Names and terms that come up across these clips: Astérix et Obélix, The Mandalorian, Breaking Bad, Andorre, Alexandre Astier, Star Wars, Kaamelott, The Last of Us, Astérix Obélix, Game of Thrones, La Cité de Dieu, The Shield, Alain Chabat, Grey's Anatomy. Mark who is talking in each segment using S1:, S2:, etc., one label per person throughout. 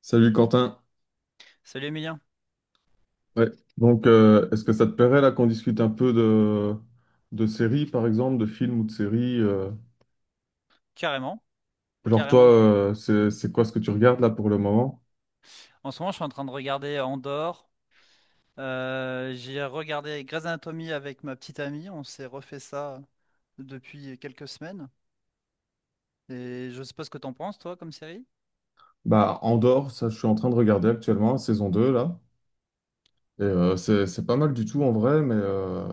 S1: Salut Quentin.
S2: Salut Emilien,
S1: Ouais. Est-ce que ça te plairait là qu'on discute un peu de séries, par exemple, de films ou de séries
S2: carrément.
S1: genre toi,
S2: Carrément du.
S1: c'est quoi ce que tu regardes là pour le moment?
S2: En ce moment, je suis en train de regarder Andorre. J'ai regardé Grey's Anatomy avec ma petite amie. On s'est refait ça depuis quelques semaines. Et je sais pas ce que t'en penses, toi, comme série.
S1: Bah, Andorre, ça je suis en train de regarder actuellement, saison 2 là. Et c'est pas mal du tout en vrai, mais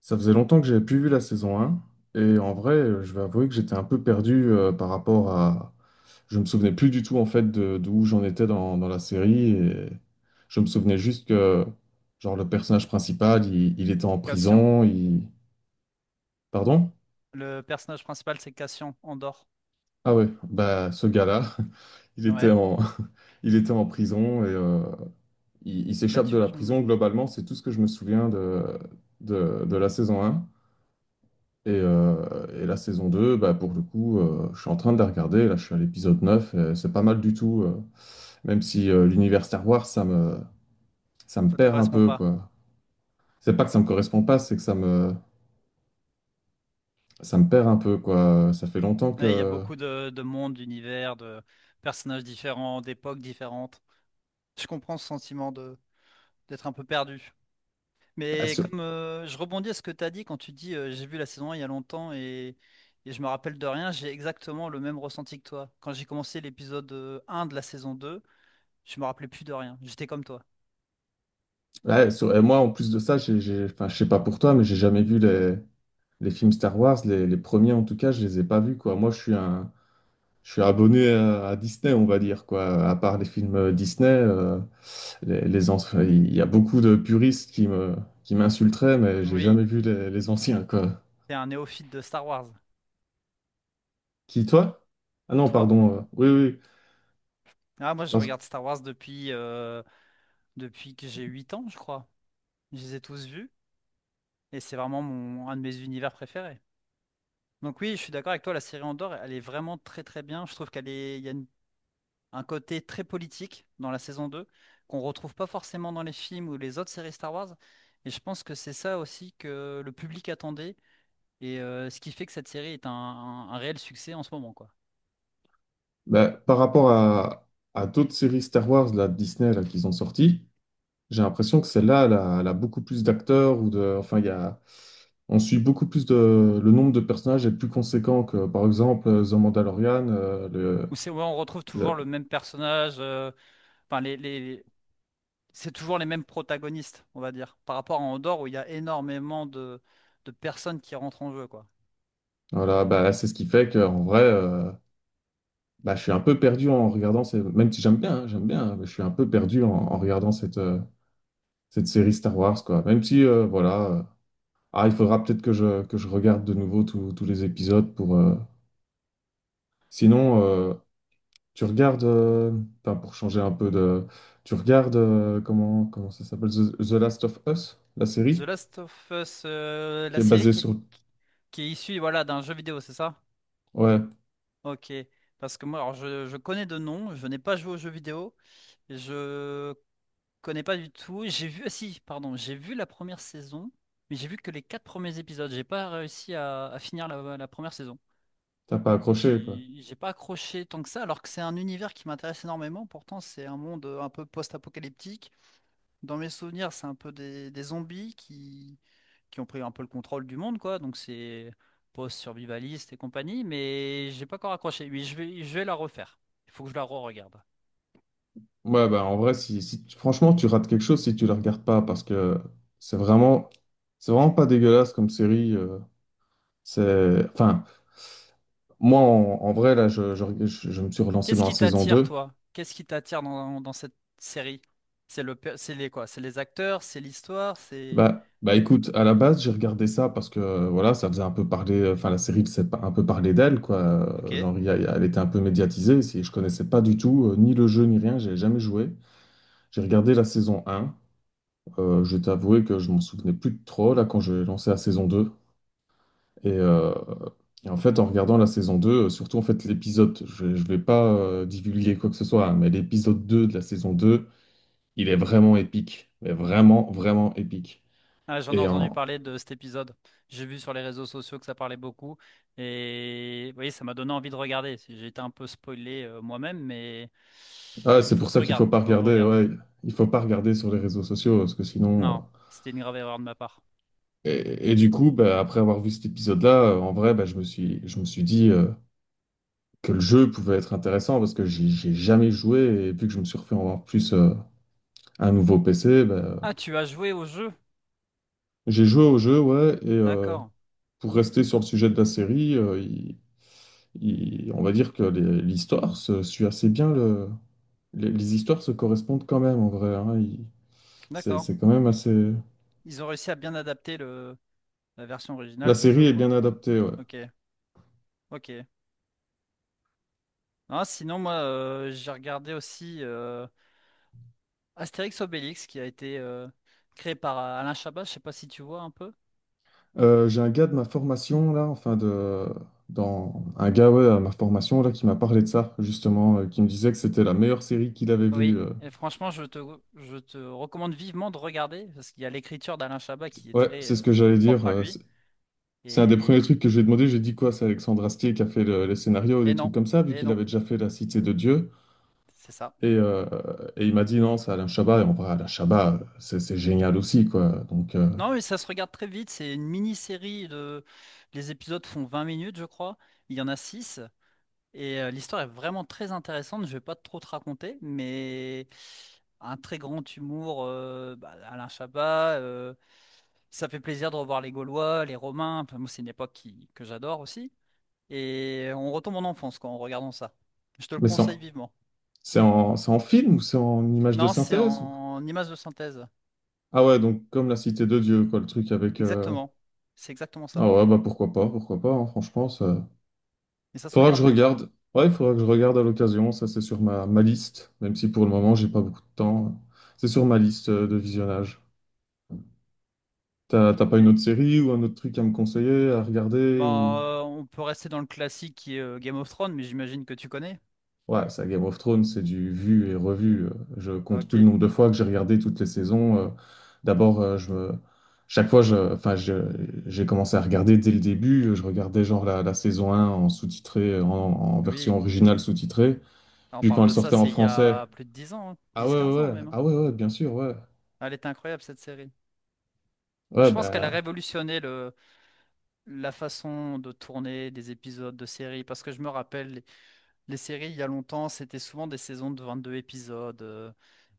S1: ça faisait longtemps que j'avais plus vu la saison un. Et en vrai, je vais avouer que j'étais un peu perdu par rapport à... Je me souvenais plus du tout en fait d'où j'en étais dans la série. Et je me souvenais juste que genre le personnage principal, il était en
S2: Cassian.
S1: prison. Il... Pardon?
S2: Le personnage principal, c'est Cassian, Andorre.
S1: Ah ouais, bah ce gars-là, il était
S2: Ouais.
S1: en... il était en prison et il
S2: Bah
S1: s'échappe de
S2: tu vois,
S1: la
S2: je... m-
S1: prison. Globalement, c'est tout ce que je me souviens de la saison un. Et la saison 2 bah, pour le coup, je suis en train de la regarder. Là, je suis à l'épisode 9 et c'est pas mal du tout. Même si l'univers Star Wars, ça me
S2: Ça te
S1: perd un
S2: correspond
S1: peu,
S2: pas.
S1: quoi. C'est pas que ça me correspond pas, c'est que ça me perd un peu, quoi. Ça fait longtemps
S2: Ouais, il y a
S1: que.
S2: beaucoup de mondes, d'univers, de personnages différents, d'époques différentes. Je comprends ce sentiment de d'être un peu perdu.
S1: bah,
S2: Mais
S1: sur-
S2: comme je rebondis à ce que tu as dit quand tu dis j'ai vu la saison 1 il y a longtemps et je me rappelle de rien. J'ai exactement le même ressenti que toi. Quand j'ai commencé l'épisode 1 de la saison 2, je me rappelais plus de rien. J'étais comme toi.
S1: ouais, et moi, en plus de ça, enfin, je sais pas pour toi, mais j'ai jamais vu les films Star Wars. Les premiers, en tout cas, je les ai pas vus, quoi. Moi, je suis un, Je suis abonné à Disney, on va dire, quoi. À part les films Disney, les anciens- il y a beaucoup de puristes qui m'insulteraient, mais j'ai
S2: Oui,
S1: jamais vu les anciens, quoi.
S2: t'es un néophyte de Star Wars.
S1: Qui, toi? Ah non,
S2: Toi.
S1: pardon. Oui, oui.
S2: Ah, moi je
S1: Parce,
S2: regarde Star Wars depuis, depuis que j'ai 8 ans, je crois. Je les ai tous vus et c'est vraiment mon, un de mes univers préférés. Donc oui, je suis d'accord avec toi, la série Andorre, elle est vraiment très très bien. Je trouve qu'elle est, il y a un côté très politique dans la saison 2 qu'on retrouve pas forcément dans les films ou les autres séries Star Wars. Et je pense que c'est ça aussi que le public attendait et ce qui fait que cette série est un réel succès en ce moment, quoi.
S1: Bah, par rapport à d'autres séries Star Wars, là, de Disney, là, qu'ils ont sorties, j'ai l'impression que celle-là, elle a beaucoup plus d'acteurs ou de, enfin, il y a, on suit beaucoup plus de... Le nombre de personnages est plus conséquent que, par exemple, The Mandalorian,
S2: Où c'est, ouais, on retrouve toujours
S1: le,
S2: le même personnage, enfin c'est toujours les mêmes protagonistes, on va dire, par rapport à Andorre où il y a énormément de personnes qui rentrent en jeu, quoi.
S1: voilà, bah, c'est ce qui fait qu'en vrai, bah, je suis un peu perdu en regardant, ces... même si j'aime bien, hein, j'aime bien, hein, mais je suis un peu perdu en regardant cette, cette série Star Wars, quoi. Même si, voilà, ah, il faudra peut-être que que je regarde de nouveau tous les épisodes pour... Sinon, tu regardes, enfin, pour changer un peu de... Tu regardes, comment, comment ça s'appelle? The Last of Us, la
S2: The
S1: série,
S2: Last of Us,
S1: qui
S2: la
S1: est
S2: série
S1: basée
S2: qui est,
S1: sur...
S2: qui est issue voilà, d'un jeu vidéo, c'est ça?
S1: Ouais,
S2: Ok. Parce que moi, alors je connais de nom, je n'ai pas joué aux jeux vidéo, je connais pas du tout. J'ai vu, ah si, pardon, j'ai vu la première saison, mais j'ai vu que les quatre premiers épisodes. J'ai pas réussi à finir la première saison.
S1: t'as pas accroché, quoi.
S2: J'ai pas accroché tant que ça, alors que c'est un univers qui m'intéresse énormément. Pourtant, c'est un monde un peu post-apocalyptique. Dans mes souvenirs, c'est un peu des zombies qui ont pris un peu le contrôle du monde, quoi. Donc c'est post-survivaliste et compagnie, mais j'ai pas encore accroché. Oui, je vais la refaire. Il faut que je la re-regarde.
S1: Ouais, bah, en vrai, franchement, tu rates quelque chose si tu le regardes pas, parce que c'est vraiment, c'est vraiment pas dégueulasse comme série. C'est, enfin, moi, en vrai, là, je me suis relancé
S2: Qu'est-ce
S1: dans la
S2: qui
S1: saison
S2: t'attire,
S1: deux.
S2: toi? Qu'est-ce qui t'attire dans cette série? C'est le, per- c'est les quoi? C'est les acteurs, c'est l'histoire, c'est...
S1: Bah, bah, écoute, à la base, j'ai regardé ça parce que, voilà, ça faisait un peu parler, enfin, la série faisait un peu parler d'elle, quoi.
S2: Ok.
S1: Genre, elle était un peu médiatisée. Si je connaissais pas du tout, ni le jeu, ni rien, j'ai jamais joué. J'ai regardé la saison un. Je vais t'avouer que je m'en souvenais plus de trop, là, quand j'ai lancé la saison deux. Et, euh, et en fait, en regardant la saison 2, surtout en fait l'épisode, je ne vais pas divulguer quoi que ce soit, hein, mais l'épisode 2 de la saison 2, il est vraiment épique. Mais vraiment, vraiment épique.
S2: Ah, j'en ai
S1: Et
S2: entendu
S1: en-
S2: parler de cet épisode. J'ai vu sur les réseaux sociaux que ça parlait beaucoup. Et oui, ça m'a donné envie de regarder. J'ai été un peu spoilé moi-même, mais
S1: ah,
S2: il
S1: c'est
S2: faut
S1: pour
S2: que je
S1: ça qu'il faut
S2: regarde.
S1: pas
S2: Il faut que je
S1: regarder,
S2: regarde.
S1: ouais, il faut pas regarder sur les réseaux sociaux, parce que sinon...
S2: Non, c'était une grave erreur de ma part.
S1: Et du coup, bah, après avoir vu cet épisode-là, en vrai, bah, je me suis dit que le jeu pouvait être intéressant parce que j'ai jamais joué et vu que je me suis refait en plus un nouveau PC, bah,
S2: Ah, tu as joué au jeu.
S1: j'ai joué au jeu, ouais, et,
S2: D'accord.
S1: pour rester sur le sujet de la série, on va dire que l'histoire se suit assez bien. Les histoires se correspondent quand même en vrai. Hein,
S2: D'accord.
S1: c'est quand même assez.
S2: Ils ont réussi à bien adapter la version
S1: La
S2: originale du
S1: série
S2: jeu,
S1: est
S2: quoi.
S1: bien adaptée. Ouais.
S2: Ok. Ok. Non, sinon, moi, j'ai regardé aussi Astérix Obélix qui a été créé par Alain Chabat. Je sais pas si tu vois un peu.
S1: J'ai un gars de ma formation là, enfin de dans un gars ouais, à ma formation là qui m'a parlé de ça justement, qui me disait que c'était la meilleure série qu'il avait vue.
S2: Oui.
S1: Euh.
S2: Et franchement, je te recommande vivement de regarder parce qu'il y a l'écriture d'Alain Chabat qui est
S1: Ouais,
S2: très
S1: c'est ce que j'allais dire.
S2: propre à lui.
S1: C'est un des
S2: Et,
S1: premiers trucs que j'ai demandé. J'ai dit quoi? C'est Alexandre Astier qui a fait les scénarios ou des
S2: et
S1: trucs
S2: non.
S1: comme ça, vu
S2: Et
S1: qu'il
S2: non.
S1: avait déjà fait La Cité de Dieu.
S2: C'est ça.
S1: Et, euh, et il m'a dit non, c'est Alain Chabat. Et en vrai, Alain Chabat, c'est génial aussi, quoi. Donc,
S2: Non, mais ça se regarde très vite. C'est une mini-série de... Les épisodes font 20 minutes, je crois. Il y en a six. Et l'histoire est vraiment très intéressante. Je vais pas trop te raconter, mais un très grand humour. Bah, Alain Chabat. Ça fait plaisir de revoir les Gaulois, les Romains. Enfin, moi, c'est une époque que j'adore aussi. Et on retombe en enfance quand en regardant ça. Je te le
S1: mais
S2: conseille vivement.
S1: c'est en film ou c'est en image de
S2: Non, c'est
S1: synthèse ou-
S2: en image de synthèse.
S1: Ah ouais, donc comme La Cité de Dieu, quoi, le truc avec.
S2: Exactement. C'est exactement ça.
S1: Ah ouais, bah pourquoi pas, hein, franchement, ça...
S2: Et ça se
S1: faudra que je
S2: regarde bien.
S1: regarde. Ouais, il faudra que je regarde à l'occasion, ça c'est sur ma liste, même si pour le moment j'ai pas beaucoup de temps. C'est sur ma liste de visionnage. T'as pas une autre série ou un autre truc à me conseiller, à regarder
S2: Ben,
S1: ou.
S2: on peut rester dans le classique qui est Game of Thrones, mais j'imagine que tu connais.
S1: Ouais, ça Game of Thrones, c'est du vu et revu. Je compte plus le
S2: Ok,
S1: nombre de fois que j'ai regardé toutes les saisons. D'abord, chaque fois, j'ai commencé à regarder dès le début. Je regardais genre la saison un en sous-titré, en version
S2: oui.
S1: originale sous-titrée.
S2: On
S1: Puis
S2: parle
S1: quand elle
S2: de ça,
S1: sortait en
S2: c'est il y
S1: français,
S2: a plus de 10 ans, hein.
S1: ah ouais, ouais,
S2: 10-15 ans
S1: ouais,
S2: même, hein.
S1: ah ouais, ouais, bien sûr, ouais,
S2: Elle est incroyable cette série.
S1: ouais,
S2: Je pense qu'elle a
S1: bah,
S2: révolutionné la façon de tourner des épisodes de séries, parce que je me rappelle, les séries il y a longtemps, c'était souvent des saisons de 22 épisodes.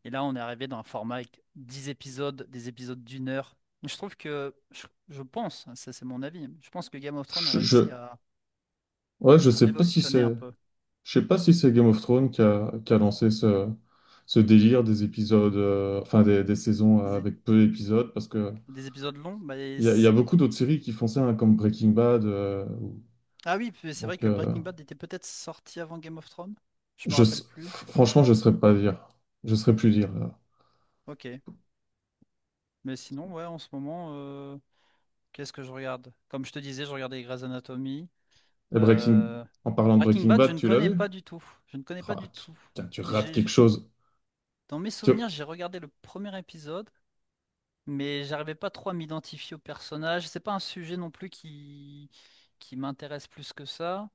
S2: Et là, on est arrivé dans un format avec 10 épisodes, des épisodes d'une heure. Je trouve que, je pense, hein, ça c'est mon avis, je pense que Game of Thrones a
S1: je,
S2: réussi
S1: je...
S2: à
S1: ouais, je sais pas si
S2: révolutionner un
S1: c'est,
S2: peu.
S1: je sais pas si c'est Game of Thrones qui a lancé ce, ce délire des épisodes, enfin des saisons
S2: Des,
S1: avec peu d'épisodes, parce que
S2: des épisodes longs? Bah, et
S1: il y a, il y a
S2: c-
S1: beaucoup d'autres séries qui font ça, hein, comme Breaking Bad.
S2: Ah oui, puis c'est vrai
S1: Donc,
S2: que Breaking Bad était peut-être sorti avant Game of Thrones. Je me rappelle plus.
S1: franchement, je ne saurais pas dire. Je ne saurais plus dire. Là.
S2: Ok. Mais sinon, ouais, en ce moment, qu'est-ce que je regarde? Comme je te disais, je regardais Grey's Anatomy.
S1: Et
S2: euh,
S1: en parlant de
S2: Breaking
S1: Breaking
S2: Bad, je
S1: Bad,
S2: ne
S1: tu l'as
S2: connais
S1: vu?
S2: pas du tout. Je ne connais pas
S1: Ah,
S2: du
S1: tu,
S2: tout.
S1: Tiens, tu rates quelque
S2: J'ai...
S1: chose.
S2: Dans mes
S1: Tiens,
S2: souvenirs, j'ai regardé le premier épisode, mais j'arrivais pas trop à m'identifier au personnage. C'est pas un sujet non plus qui m'intéresse plus que ça.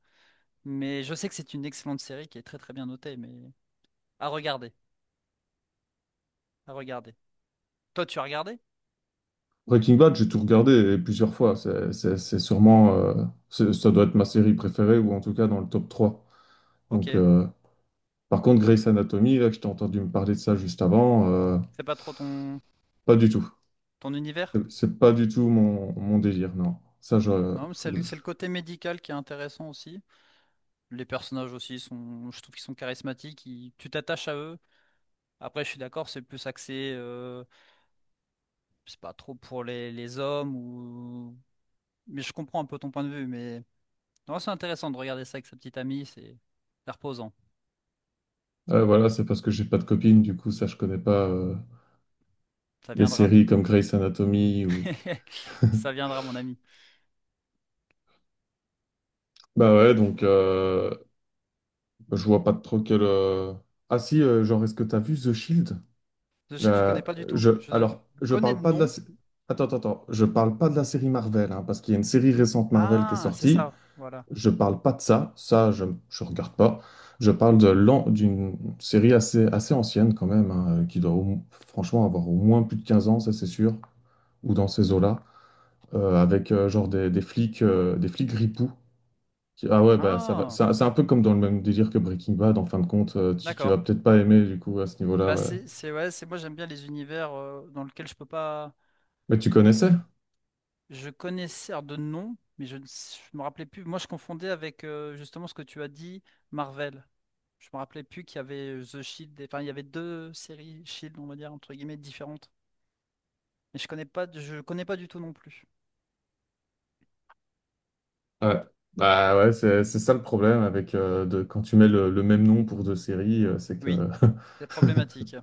S2: Mais je sais que c'est une excellente série qui est très très bien notée, mais. À regarder, à regarder. Toi, tu as regardé?
S1: Breaking Bad, j'ai tout regardé et plusieurs fois. C'est sûrement, ça doit être ma série préférée ou en tout cas dans le top trois. Donc,
S2: Ok.
S1: par contre, Grey's Anatomy, là, que je t'ai entendu me parler de ça juste avant,
S2: C'est pas trop ton,
S1: pas du tout.
S2: ton univers?
S1: C'est pas du tout mon, mon délire, non. Ça, je,
S2: Non, mais c'est le côté médical qui est intéressant aussi. Les personnages aussi sont, je trouve qu'ils sont charismatiques, ils- tu t'attaches à eux. Après, je suis d'accord, c'est plus axé, c'est pas trop pour les hommes ou. Mais je comprends un peu ton point de vue, mais non, c'est intéressant de regarder ça avec sa petite amie, c'est reposant.
S1: ouais, voilà, c'est parce que j'ai pas de copine, du coup, ça, je connais pas
S2: Ça
S1: des
S2: viendra.
S1: séries comme Grey's Anatomy ou.
S2: Ça viendra, mon ami.
S1: Bah ouais, donc bah, je vois pas trop quel. Ah si, genre, est-ce que t'as vu The Shield?
S2: The Shield, je connais
S1: La...
S2: pas du tout.
S1: Je...
S2: Je
S1: Alors,
S2: je
S1: je
S2: connais
S1: parle
S2: de
S1: pas de la.
S2: nom.
S1: Attends, attends, attends. Je parle pas de la série Marvel, hein, parce qu'il y a une série récente Marvel qui est
S2: Ah, c'est
S1: sortie.
S2: ça, voilà.
S1: Je parle pas de ça. Ça, je regarde pas. Je parle de l'an... d'une série assez, assez ancienne, quand même, hein, qui doit franchement avoir au moins plus de 15 ans, ça, c'est sûr, ou dans ces eaux-là. Euh, avec genre des flics ripoux. Ah ouais, bah ça va.
S2: Ah.
S1: C'est un peu comme dans le même délire que Breaking Bad, en fin de compte. Tu
S2: D'accord.
S1: vas peut-être pas aimer du coup à ce niveau-là.
S2: Bah
S1: Ouais.
S2: c'est ouais, c'est moi j'aime bien les univers dans lesquels je peux pas
S1: Mais tu connaissais?
S2: je connaissais alors, de nom mais je ne s- je me rappelais plus. Moi je confondais avec justement ce que tu as dit Marvel. Je me rappelais plus qu'il y avait The Shield, et- enfin il y avait deux séries Shield on va dire entre guillemets différentes. Mais je connais pas du tout non plus.
S1: Ouais. Bah ouais, c'est ça le problème avec quand tu mets le même nom pour deux séries, c'est que.
S2: Oui, c'est problématique.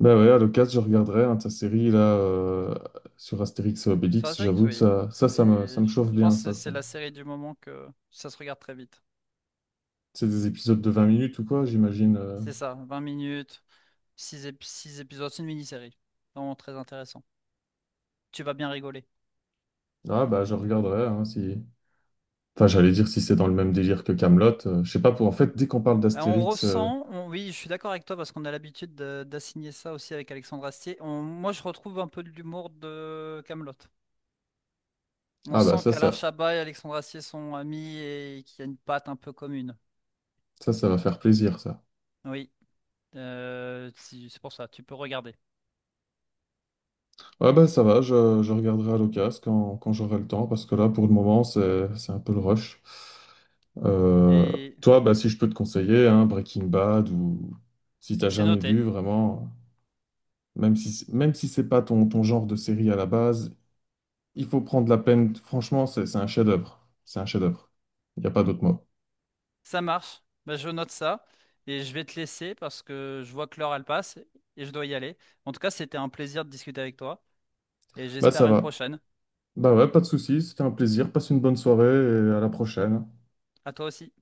S1: Bah ouais, à l'occasion, je regarderai hein, ta série là sur Astérix et
S2: Ça.
S1: Obélix.
S2: C'est vrai que
S1: J'avoue que
S2: oui. Et
S1: ça
S2: je
S1: me chauffe
S2: je
S1: bien,
S2: pense que
S1: ça.
S2: c'est
S1: Ça.
S2: la série du moment que ça se regarde très vite.
S1: C'est des épisodes de 20 minutes ou quoi, j'imagine. Euh.
S2: C'est ça. 20 minutes, six épisodes, c'est une mini-série. Vraiment très intéressant. Tu vas bien rigoler.
S1: Ah bah je regarderai hein, si. Enfin, j'allais dire si c'est dans le même délire que Kaamelott. Je sais pas pour en fait, dès qu'on parle
S2: On
S1: d'Astérix,
S2: ressent, oui, je suis d'accord avec toi parce qu'on a l'habitude d'assigner ça aussi avec Alexandre Astier. Moi, je retrouve un peu de l'humour de Kaamelott. On
S1: ah bah
S2: sent
S1: ça,
S2: qu'Alain
S1: ça,
S2: Chabat et Alexandre Astier sont amis et qu'il y a une patte un peu commune.
S1: ça va faire plaisir, ça.
S2: Oui, c'est pour ça, tu peux regarder.
S1: Ouais bah ça va, je regarderai à l'occasion quand j'aurai le temps, parce que là, pour le moment, c'est un peu le rush. Euh,
S2: Et
S1: toi, bah si je peux te conseiller, hein, Breaking Bad, ou si t'as
S2: c'est
S1: jamais
S2: noté,
S1: vu vraiment, même si c'est pas ton, ton genre de série à la base, il faut prendre la peine. Franchement, c'est un chef-d'œuvre. C'est un chef-d'œuvre. Il n'y a pas d'autre mot.
S2: ça marche. Bah, je note ça et je vais te laisser parce que je vois que l'heure elle passe et je dois y aller. En tout cas, c'était un plaisir de discuter avec toi et
S1: Là,
S2: j'espère
S1: ça
S2: à une
S1: va.
S2: prochaine.
S1: Bah ouais, pas de soucis. C'était un plaisir. Passe une bonne soirée et à la prochaine.
S2: À toi aussi.